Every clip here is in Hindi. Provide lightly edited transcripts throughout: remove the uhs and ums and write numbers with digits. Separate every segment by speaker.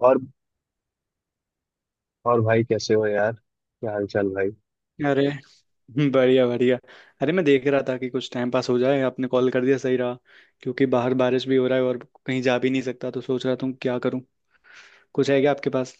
Speaker 1: और और भाई कैसे हो यार? क्या हाल चाल भाई?
Speaker 2: अरे, बढ़िया बढ़िया। अरे, मैं देख रहा था कि कुछ टाइम पास हो जाए, आपने कॉल कर दिया, सही रहा। क्योंकि बाहर बारिश भी हो रहा है और कहीं जा भी नहीं सकता, तो सोच रहा था क्या करूं। कुछ है क्या आपके पास?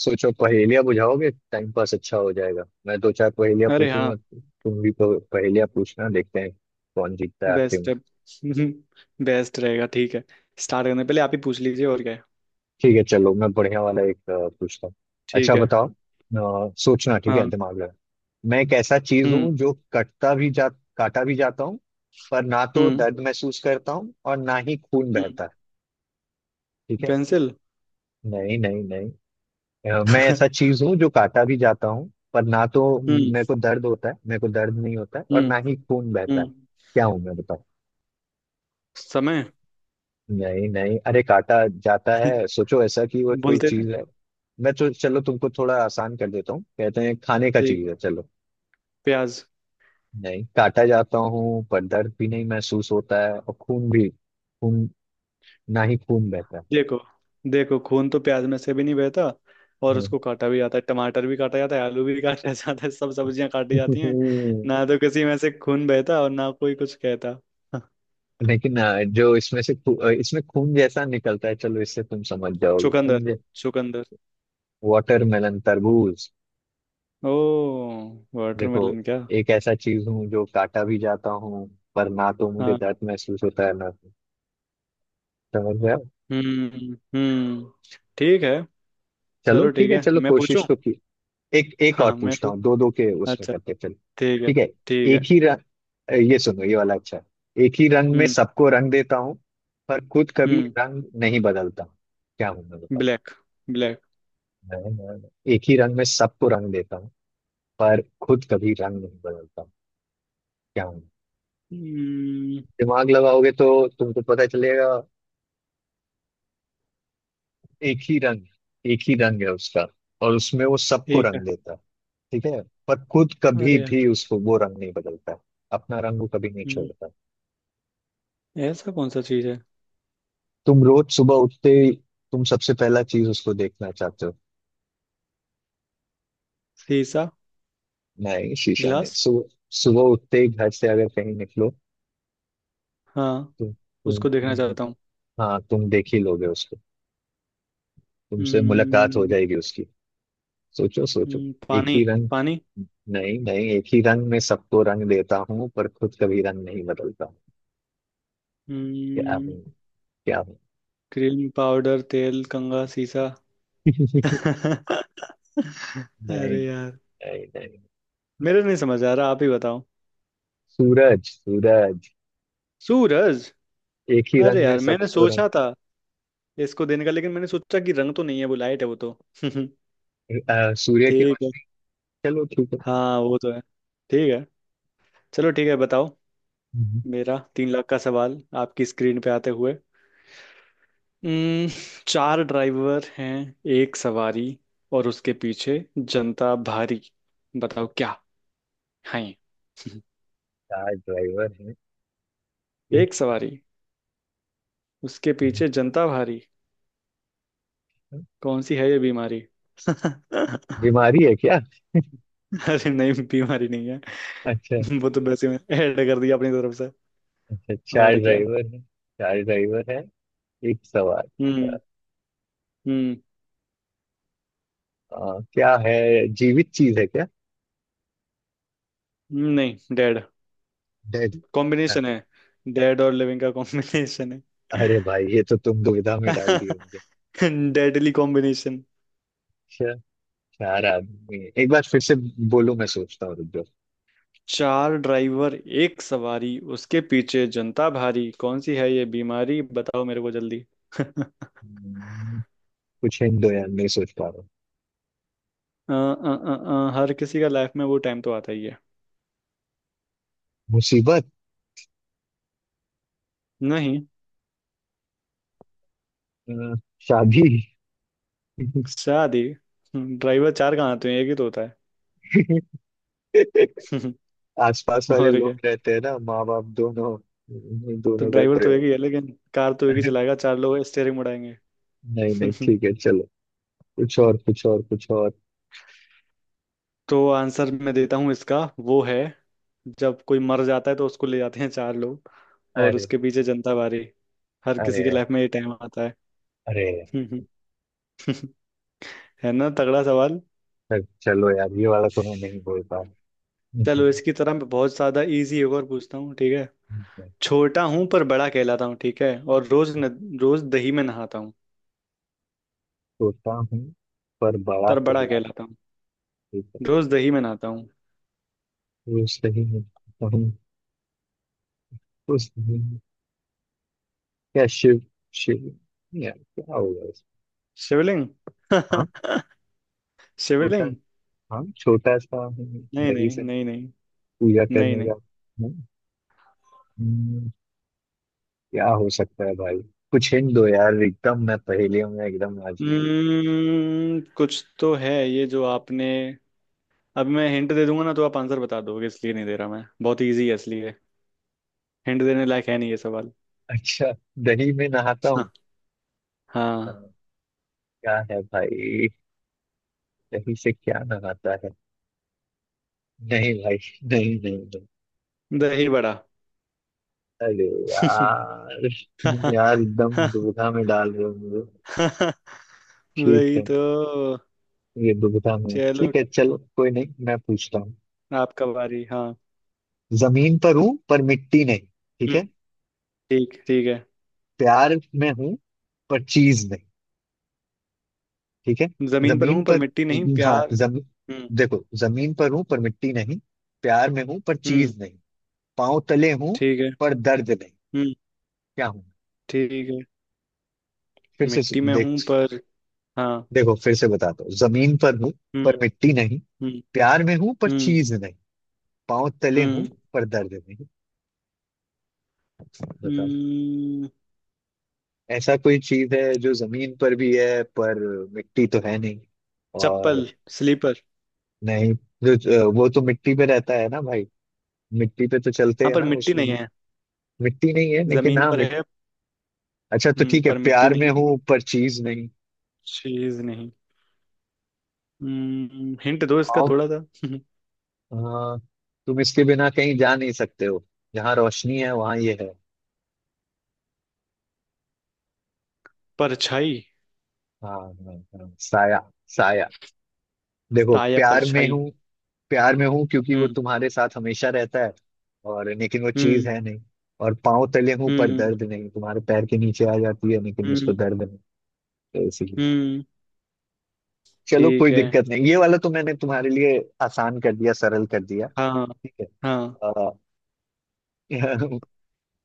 Speaker 1: सोचो पहेलियां बुझाओगे, टाइम पास अच्छा हो जाएगा। मैं दो चार पहेलियां
Speaker 2: अरे हाँ,
Speaker 1: पूछूंगा, तुम भी पहेलियां पूछना। देखते हैं कौन जीतता है आखिर
Speaker 2: बेस्ट
Speaker 1: में।
Speaker 2: है। बेस्ट रहेगा, ठीक है। स्टार्ट करने पहले आप ही पूछ लीजिए, और क्या है।
Speaker 1: ठीक है, चलो मैं बढ़िया वाला एक पूछता हूँ।
Speaker 2: ठीक
Speaker 1: अच्छा
Speaker 2: है।
Speaker 1: बताओ, सोचना, ठीक है?
Speaker 2: हाँ।
Speaker 1: दिमाग लगा। मैं एक ऐसा चीज
Speaker 2: हम्म।
Speaker 1: हूँ जो कटता भी जा काटा भी जाता हूँ, पर ना तो
Speaker 2: हम्म।
Speaker 1: दर्द महसूस करता हूँ और ना ही खून
Speaker 2: हम्म।
Speaker 1: बहता है। ठीक है।
Speaker 2: पेंसिल।
Speaker 1: नहीं, नहीं, नहीं। मैं ऐसा चीज हूँ जो काटा भी जाता हूँ, पर ना तो
Speaker 2: हम्म।
Speaker 1: मेरे को दर्द नहीं होता है और
Speaker 2: हम्म।
Speaker 1: ना ही खून बहता है।
Speaker 2: हम्म।
Speaker 1: क्या हूँ मैं? बताओ।
Speaker 2: समय।
Speaker 1: नहीं नहीं, अरे काटा जाता है, सोचो ऐसा कि वो कोई
Speaker 2: बोलते रहे।
Speaker 1: चीज है। मैं तो, चलो तुमको थोड़ा आसान कर देता हूँ, कहते हैं खाने का
Speaker 2: ठीक।
Speaker 1: चीज है, चलो।
Speaker 2: प्याज।
Speaker 1: नहीं, काटा जाता हूँ पर दर्द भी नहीं महसूस होता है और खून भी खून ना ही खून बहता है।
Speaker 2: देखो, देखो, खून तो प्याज में से भी नहीं बहता, और
Speaker 1: हाँ।
Speaker 2: उसको काटा भी जाता है, टमाटर भी काटा जाता है, आलू भी काटा जाता है, सब सब्जियां काटी जाती हैं। ना तो किसी में से खून बहता, और ना कोई कुछ कहता।
Speaker 1: लेकिन जो इसमें से इसमें खून जैसा निकलता है, चलो इससे तुम समझ जाओगे।
Speaker 2: चुकंदर।
Speaker 1: खून।
Speaker 2: चुकंदर।
Speaker 1: वाटरमेलन, तरबूज।
Speaker 2: ओ,
Speaker 1: देखो,
Speaker 2: वाटरमेलन क्या।
Speaker 1: एक ऐसा चीज हूँ जो काटा भी जाता हूँ, पर ना तो मुझे
Speaker 2: हाँ।
Speaker 1: दर्द महसूस होता है, ना तो। समझ गया।
Speaker 2: हम्म। ठीक है।
Speaker 1: चलो
Speaker 2: चलो
Speaker 1: ठीक
Speaker 2: ठीक
Speaker 1: है,
Speaker 2: है,
Speaker 1: चलो
Speaker 2: मैं पूछूं।
Speaker 1: कोशिश तो की। एक एक
Speaker 2: हाँ
Speaker 1: और
Speaker 2: हाँ,
Speaker 1: पूछता हूँ, दो दो के उसमें
Speaker 2: अच्छा,
Speaker 1: करते हैं, चलो,
Speaker 2: ठीक है।
Speaker 1: ठीक है।
Speaker 2: ठीक
Speaker 1: एक
Speaker 2: है।
Speaker 1: ही रंग, ये सुनो, ये वाला अच्छा है। एक ही रंग में
Speaker 2: हम्म।
Speaker 1: सबको रंग देता हूँ, पर खुद कभी
Speaker 2: हम्म।
Speaker 1: रंग नहीं बदलता। क्या हूँ मैं? बताओ।
Speaker 2: ब्लैक। ब्लैक।
Speaker 1: एक ही रंग में सबको रंग देता हूँ, पर खुद कभी रंग नहीं बदलता। क्या हूँ?
Speaker 2: हम्म।
Speaker 1: दिमाग लगाओगे तो तुमको पता चलेगा। एक ही रंग, एक ही रंग है उसका, और उसमें वो सबको
Speaker 2: ठीक है।
Speaker 1: रंग देता है। ठीक है। पर खुद कभी
Speaker 2: अरे
Speaker 1: भी
Speaker 2: यार।
Speaker 1: उसको वो रंग नहीं बदलता है। अपना रंग वो कभी नहीं
Speaker 2: हम्म।
Speaker 1: छोड़ता।
Speaker 2: ऐसा कौन सा चीज है?
Speaker 1: तुम रोज सुबह उठते ही, तुम सबसे पहला चीज उसको देखना चाहते हो।
Speaker 2: शीशा।
Speaker 1: नहीं, शीशा नहीं,
Speaker 2: ग्लास।
Speaker 1: सुबह। सुबह उठते ही घर से अगर कहीं निकलो।
Speaker 2: हाँ,
Speaker 1: तुम तुम
Speaker 2: उसको देखना
Speaker 1: तुम-
Speaker 2: चाहता हूँ।
Speaker 1: हाँ, तुम देख ही लोगे उसको। तुमसे मुलाकात हो
Speaker 2: हम्म,
Speaker 1: जाएगी उसकी। सोचो, सोचो। एक
Speaker 2: पानी।
Speaker 1: ही रंग।
Speaker 2: पानी।
Speaker 1: नहीं नहीं, एक ही रंग में सबको रंग देता हूँ, पर खुद कभी रंग नहीं बदलता। क्या?
Speaker 2: हम्म,
Speaker 1: क्या बात-?
Speaker 2: क्रीम पाउडर तेल कंघा शीशा।
Speaker 1: नहीं, नहीं,
Speaker 2: अरे यार,
Speaker 1: नहीं, नहीं।
Speaker 2: मेरे नहीं समझ आ रहा, आप ही बताओ।
Speaker 1: सूरज, सूरज।
Speaker 2: सूरज।
Speaker 1: एक ही
Speaker 2: अरे
Speaker 1: रंग में
Speaker 2: यार, मैंने
Speaker 1: सबको रंग।
Speaker 2: सोचा था इसको देने का, लेकिन मैंने सोचा कि रंग तो नहीं है, वो लाइट है वो तो।
Speaker 1: सूर्य की
Speaker 2: ठीक है।
Speaker 1: रोशनी। चलो ठीक है।
Speaker 2: हाँ, वो तो है। ठीक है, चलो ठीक है, बताओ।
Speaker 1: हम्म।
Speaker 2: मेरा तीन लाख का सवाल, आपकी स्क्रीन पे आते हुए। हम्म, चार ड्राइवर हैं, एक सवारी, और उसके पीछे जनता भारी। बताओ क्या है ये?
Speaker 1: कार ड्राइवर है, एक
Speaker 2: एक
Speaker 1: second
Speaker 2: सवारी, उसके
Speaker 1: का।
Speaker 2: पीछे जनता भारी, कौन सी है ये बीमारी। अरे
Speaker 1: बीमारी है क्या?
Speaker 2: नहीं, बीमारी नहीं है।
Speaker 1: अच्छा।
Speaker 2: वो तो वैसे में ऐड कर दिया अपनी तरफ से।
Speaker 1: अच्छा, चार
Speaker 2: और क्या।
Speaker 1: ड्राइवर है। चार ड्राइवर है, एक सवाल।
Speaker 2: हम्म। हम्म।
Speaker 1: क्या है? जीवित चीज है क्या?
Speaker 2: नहीं डेड।
Speaker 1: डेड।
Speaker 2: कॉम्बिनेशन है, डेड और लिविंग का कॉम्बिनेशन है।
Speaker 1: अरे भाई, ये तो तुम दुविधा में डाल दिए होंगे।
Speaker 2: Deadly combination.
Speaker 1: अच्छा, चार आदमी एक बार फिर से बोलो, मैं सोचता हूँ, रुक
Speaker 2: चार ड्राइवर, एक सवारी, उसके पीछे जनता भारी, कौन सी है ये बीमारी, बताओ मेरे को जल्दी। अ,
Speaker 1: जाओ। कुछ हिंट दो यार, नहीं सोच पा रहा हूँ।
Speaker 2: अ, अ, हर किसी का लाइफ में वो टाइम तो आता ही है।
Speaker 1: मुसीबत।
Speaker 2: नहीं।
Speaker 1: अ, शादी।
Speaker 2: शादी। ड्राइवर चार कहाँ आते हैं, एक ही तो होता है।
Speaker 1: आसपास वाले
Speaker 2: और क्या।
Speaker 1: लोग रहते हैं ना, माँ बाप दोनों,
Speaker 2: तो
Speaker 1: दोनों गए
Speaker 2: ड्राइवर तो एक
Speaker 1: प्रयोग।
Speaker 2: ही है, लेकिन कार तो एक ही
Speaker 1: नहीं
Speaker 2: चलाएगा, चार लोग स्टेयरिंग मुड़ाएंगे।
Speaker 1: नहीं, ठीक है, चलो कुछ और, कुछ और, कुछ और।
Speaker 2: तो आंसर मैं देता हूँ इसका, वो है जब कोई मर जाता है तो उसको ले जाते हैं चार लोग, और
Speaker 1: अरे
Speaker 2: उसके पीछे जनता भारी। हर किसी
Speaker 1: अरे!
Speaker 2: के लाइफ में ये टाइम आता
Speaker 1: अरे!
Speaker 2: है। है ना तगड़ा सवाल।
Speaker 1: अरे, चलो यार, ये वाला तो मैं नहीं बोल पा रहा।
Speaker 2: चलो, इसकी तरह मैं बहुत ज्यादा इजी एक और पूछता हूँ, ठीक है। छोटा हूँ पर बड़ा कहलाता हूँ, ठीक है, और रोज न, रोज दही में नहाता हूँ।
Speaker 1: छोटा हूँ पर बड़ा
Speaker 2: पर बड़ा
Speaker 1: कहला।
Speaker 2: कहलाता हूँ,
Speaker 1: ठीक है।
Speaker 2: रोज दही में नहाता हूँ।
Speaker 1: वो सही है। हूँ, वो सही है। क्या? शिव? शिव? यार क्या होगा इसमें?
Speaker 2: शिवलिंग।
Speaker 1: हाँ, छोटा,
Speaker 2: शिवलिंग।
Speaker 1: हाँ छोटा सा हम।
Speaker 2: नहीं
Speaker 1: दही
Speaker 2: नहीं
Speaker 1: से
Speaker 2: नहीं नहीं।
Speaker 1: पूजा
Speaker 2: नहीं
Speaker 1: करने का।
Speaker 2: नहीं।
Speaker 1: हम्म, हम्म, क्या हो सकता है भाई? कुछ हिंट दो यार, एकदम मैं पहेलियों में एकदम आज।
Speaker 2: कुछ तो है ये जो आपने। अब मैं हिंट दे दूंगा ना तो आप आंसर बता दोगे, इसलिए नहीं दे रहा, मैं बहुत इजी है इसलिए। हिंट देने लायक है नहीं ये सवाल।
Speaker 1: अच्छा। दही में नहाता हूँ। हाँ,
Speaker 2: हाँ।
Speaker 1: क्या है भाई? दही से क्या नहाता है? नहीं भाई, नहीं, नहीं, नहीं।
Speaker 2: दही बड़ा।
Speaker 1: अरे यार, तुम यार एकदम दुविधा में डाल रहे हो मुझे। ठीक
Speaker 2: वही
Speaker 1: है।
Speaker 2: तो।
Speaker 1: ये दुविधा में,
Speaker 2: चलो,
Speaker 1: ठीक है, चलो कोई नहीं, मैं पूछता हूँ।
Speaker 2: आपका बारी। हाँ।
Speaker 1: जमीन पर हूँ पर मिट्टी नहीं। ठीक
Speaker 2: हम्म।
Speaker 1: है।
Speaker 2: ठीक, ठीक है।
Speaker 1: प्यार में हूँ पर चीज नहीं। ठीक है।
Speaker 2: जमीन पर
Speaker 1: जमीन
Speaker 2: हूँ पर
Speaker 1: पर,
Speaker 2: मिट्टी नहीं,
Speaker 1: हाँ
Speaker 2: प्यार।
Speaker 1: जमी।
Speaker 2: हम्म।
Speaker 1: देखो, जमीन पर हूँ पर मिट्टी नहीं, प्यार में हूँ पर
Speaker 2: हम्म।
Speaker 1: चीज नहीं, पाँव तले हूँ
Speaker 2: ठीक है।
Speaker 1: पर दर्द नहीं।
Speaker 2: हम्म।
Speaker 1: क्या हूँ?
Speaker 2: ठीक है।
Speaker 1: फिर से
Speaker 2: मिट्टी में
Speaker 1: देख।
Speaker 2: हूँ पर। हाँ।
Speaker 1: देखो, फिर से बताता हूँ। जमीन पर हूँ
Speaker 2: हम्म।
Speaker 1: पर मिट्टी नहीं,
Speaker 2: हम्म।
Speaker 1: प्यार में हूँ पर
Speaker 2: हम्म।
Speaker 1: चीज नहीं, पाँव तले हूँ
Speaker 2: हम्म।
Speaker 1: पर दर्द नहीं। बताओ।
Speaker 2: हम्म,
Speaker 1: ऐसा कोई चीज है जो जमीन पर भी है, पर मिट्टी तो है नहीं, और...
Speaker 2: चप्पल स्लीपर।
Speaker 1: नहीं, जो जो- वो तो मिट्टी पे रहता है ना भाई। मिट्टी पे तो चलते
Speaker 2: हाँ,
Speaker 1: हैं
Speaker 2: पर
Speaker 1: ना
Speaker 2: मिट्टी
Speaker 1: उसमें।
Speaker 2: नहीं है।
Speaker 1: मिट्टी नहीं है लेकिन,
Speaker 2: जमीन
Speaker 1: हाँ
Speaker 2: पर
Speaker 1: मिट...
Speaker 2: है।
Speaker 1: अच्छा तो
Speaker 2: हम्म,
Speaker 1: ठीक है,
Speaker 2: पर मिट्टी
Speaker 1: प्यार में
Speaker 2: नहीं,
Speaker 1: हूँ पर चीज नहीं,
Speaker 2: चीज नहीं। हम्म, हिंट दो इसका
Speaker 1: और...
Speaker 2: थोड़ा सा।
Speaker 1: आ, तुम इसके बिना कहीं जा नहीं सकते हो। जहाँ रोशनी है वहां ये है।
Speaker 2: परछाई।
Speaker 1: हाँ हाँ हाँ, साया, साया। देखो,
Speaker 2: साया,
Speaker 1: प्यार में
Speaker 2: परछाई।
Speaker 1: हूँ, प्यार में हूँ क्योंकि वो
Speaker 2: हम्म।
Speaker 1: तुम्हारे साथ हमेशा रहता है। और लेकिन वो चीज
Speaker 2: हम्म।
Speaker 1: है नहीं। और पाँव तले हूँ पर
Speaker 2: हम्म।
Speaker 1: दर्द नहीं, तुम्हारे पैर के नीचे आ जाती है लेकिन
Speaker 2: हम्म।
Speaker 1: उसको दर्द नहीं। तो इसीलिए।
Speaker 2: हम्म।
Speaker 1: चलो कोई
Speaker 2: ठीक है।
Speaker 1: दिक्कत नहीं, ये वाला तो मैंने तुम्हारे लिए आसान कर दिया, सरल कर दिया।
Speaker 2: हाँ।
Speaker 1: ठीक है।
Speaker 2: हाँ।
Speaker 1: आ,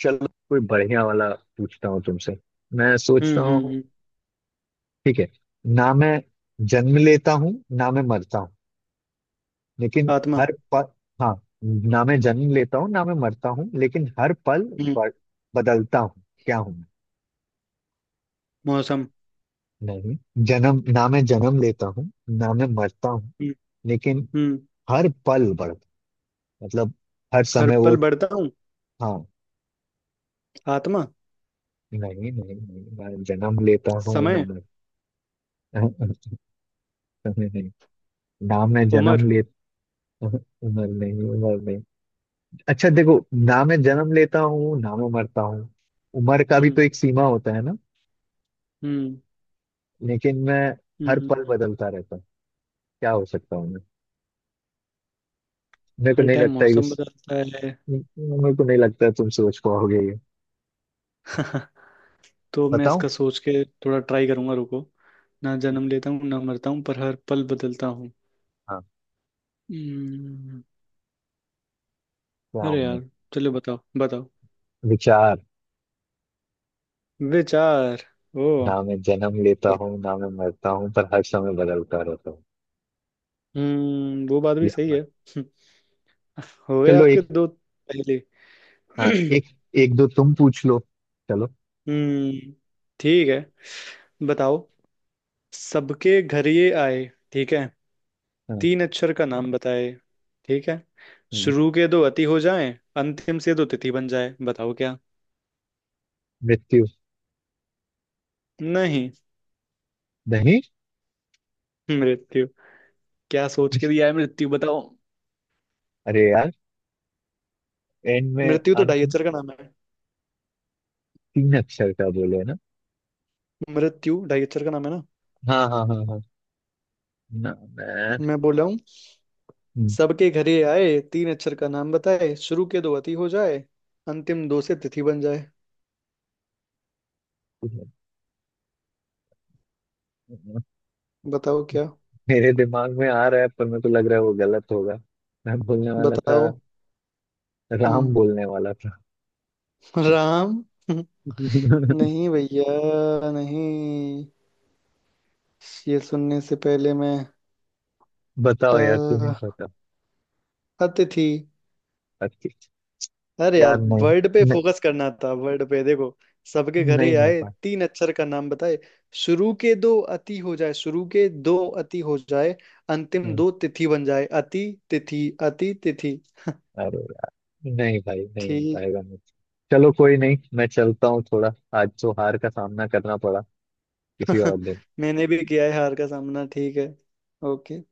Speaker 1: चलो कोई बढ़िया वाला पूछता हूँ तुमसे, मैं
Speaker 2: हम्म।
Speaker 1: सोचता
Speaker 2: हम्म।
Speaker 1: हूँ,
Speaker 2: हम्म।
Speaker 1: ठीक है। ना मैं जन्म लेता हूँ, ना मैं मरता हूँ, लेकिन
Speaker 2: आत्मा।
Speaker 1: हर पल... हाँ, ना मैं जन्म लेता हूँ ना मैं मरता हूँ, लेकिन हर पल
Speaker 2: हम्म।
Speaker 1: ब- बदलता हूँ। क्या हूँ मैं?
Speaker 2: मौसम।
Speaker 1: नहीं, जन्म ना मैं जन्म लेता हूँ ना मैं मरता हूँ,
Speaker 2: हम्म।
Speaker 1: लेकिन
Speaker 2: हम्म।
Speaker 1: हर पल बढ़ता, मतलब हर
Speaker 2: हर
Speaker 1: समय वो।
Speaker 2: पल बढ़ता हूँ।
Speaker 1: हाँ।
Speaker 2: आत्मा।
Speaker 1: नहीं नहीं नहीं, मैं जन्म लेता हूँ ना
Speaker 2: समय।
Speaker 1: मर, समय। नहीं, ना मैं
Speaker 2: उम्र।
Speaker 1: जन्म लेता, उम्र नहीं, उम्र नहीं। अच्छा देखो, ना मैं जन्म लेता हूँ ना मैं मरता हूँ। उम्र का भी
Speaker 2: हम्म।
Speaker 1: तो एक सीमा होता है ना,
Speaker 2: हम्म।
Speaker 1: लेकिन मैं हर
Speaker 2: हम्म।
Speaker 1: पल बदलता रहता हूँ। क्या हो सकता हूँ मैं? मेरे को
Speaker 2: हर
Speaker 1: नहीं
Speaker 2: टाइम
Speaker 1: लगता है कि
Speaker 2: मौसम बदलता है।
Speaker 1: मेरे को नहीं लगता है तुम सोच पाओगे ये।
Speaker 2: तो मैं
Speaker 1: बताऊँ?
Speaker 2: इसका सोच के थोड़ा ट्राई करूंगा, रुको। ना जन्म लेता हूँ ना मरता हूँ, पर हर पल बदलता हूँ।
Speaker 1: हाँ।
Speaker 2: हम्म,
Speaker 1: क्या हूँ
Speaker 2: अरे
Speaker 1: मैं?
Speaker 2: यार, चलो बताओ बताओ।
Speaker 1: विचार।
Speaker 2: विचार। ओ।
Speaker 1: ना मैं जन्म लेता हूँ ना मैं मरता हूँ पर हर समय बदलता रहता हूँ,
Speaker 2: हम्म, वो बात भी
Speaker 1: या
Speaker 2: सही
Speaker 1: पर।
Speaker 2: है। हो गए
Speaker 1: चलो
Speaker 2: आपके
Speaker 1: एक,
Speaker 2: दो पहले।
Speaker 1: हाँ एक, एक दो तुम पूछ लो, चलो।
Speaker 2: हम्म, ठीक है, बताओ। सबके घर ये आए, ठीक है,
Speaker 1: हाँ
Speaker 2: तीन अक्षर का नाम बताए, ठीक है,
Speaker 1: हाँ,
Speaker 2: शुरू के दो अति हो जाएं, अंतिम से दो तिथि बन जाए, बताओ क्या।
Speaker 1: मृत्यु,
Speaker 2: नहीं।
Speaker 1: नहीं।
Speaker 2: मृत्यु, क्या सोच के दिया है मृत्यु, बताओ।
Speaker 1: अरे यार, एंड में
Speaker 2: मृत्यु तो
Speaker 1: अंत?
Speaker 2: ढाई अक्षर का नाम है।
Speaker 1: तीन अक्षर का बोले ना?
Speaker 2: मृत्यु ढाई अक्षर का नाम है ना,
Speaker 1: हाँ हाँ हाँ हाँ, ना मैं
Speaker 2: मैं बोला हूँ।
Speaker 1: हम्म,
Speaker 2: सबके घर ये आए, तीन अक्षर का नाम बताए, शुरू के दो अति हो जाए, अंतिम दो से तिथि बन जाए, बताओ क्या।
Speaker 1: मेरे दिमाग में आ रहा है पर मेरे को लग रहा है वो गलत होगा। मैं बोलने वाला था,
Speaker 2: बताओ।
Speaker 1: राम
Speaker 2: हम्म।
Speaker 1: बोलने वाला था।
Speaker 2: राम। नहीं भैया नहीं। ये सुनने से पहले मैं।
Speaker 1: बताओ यार, तुम्हें
Speaker 2: ट-
Speaker 1: पता।
Speaker 2: अतिथि।
Speaker 1: अच्छी,
Speaker 2: अरे
Speaker 1: यार
Speaker 2: यार,
Speaker 1: नहीं,
Speaker 2: वर्ड पे
Speaker 1: नहीं।
Speaker 2: फोकस करना था, वर्ड पे देखो। सबके घरे
Speaker 1: नहीं हो
Speaker 2: आए,
Speaker 1: पाया।
Speaker 2: तीन अक्षर का नाम बताए, शुरू के दो अति हो जाए, शुरू के दो अति हो जाए, अंतिम
Speaker 1: हाँ,
Speaker 2: दो तिथि बन जाए, अति तिथि, अति तिथि।
Speaker 1: अरे यार, नहीं भाई, नहीं हो
Speaker 2: ठीक।
Speaker 1: पाएगा मुझसे। चलो कोई नहीं, मैं चलता हूँ थोड़ा। आज तो हार का सामना करना पड़ा, किसी और दिन।
Speaker 2: मैंने भी किया है हार का सामना, ठीक है। ओके।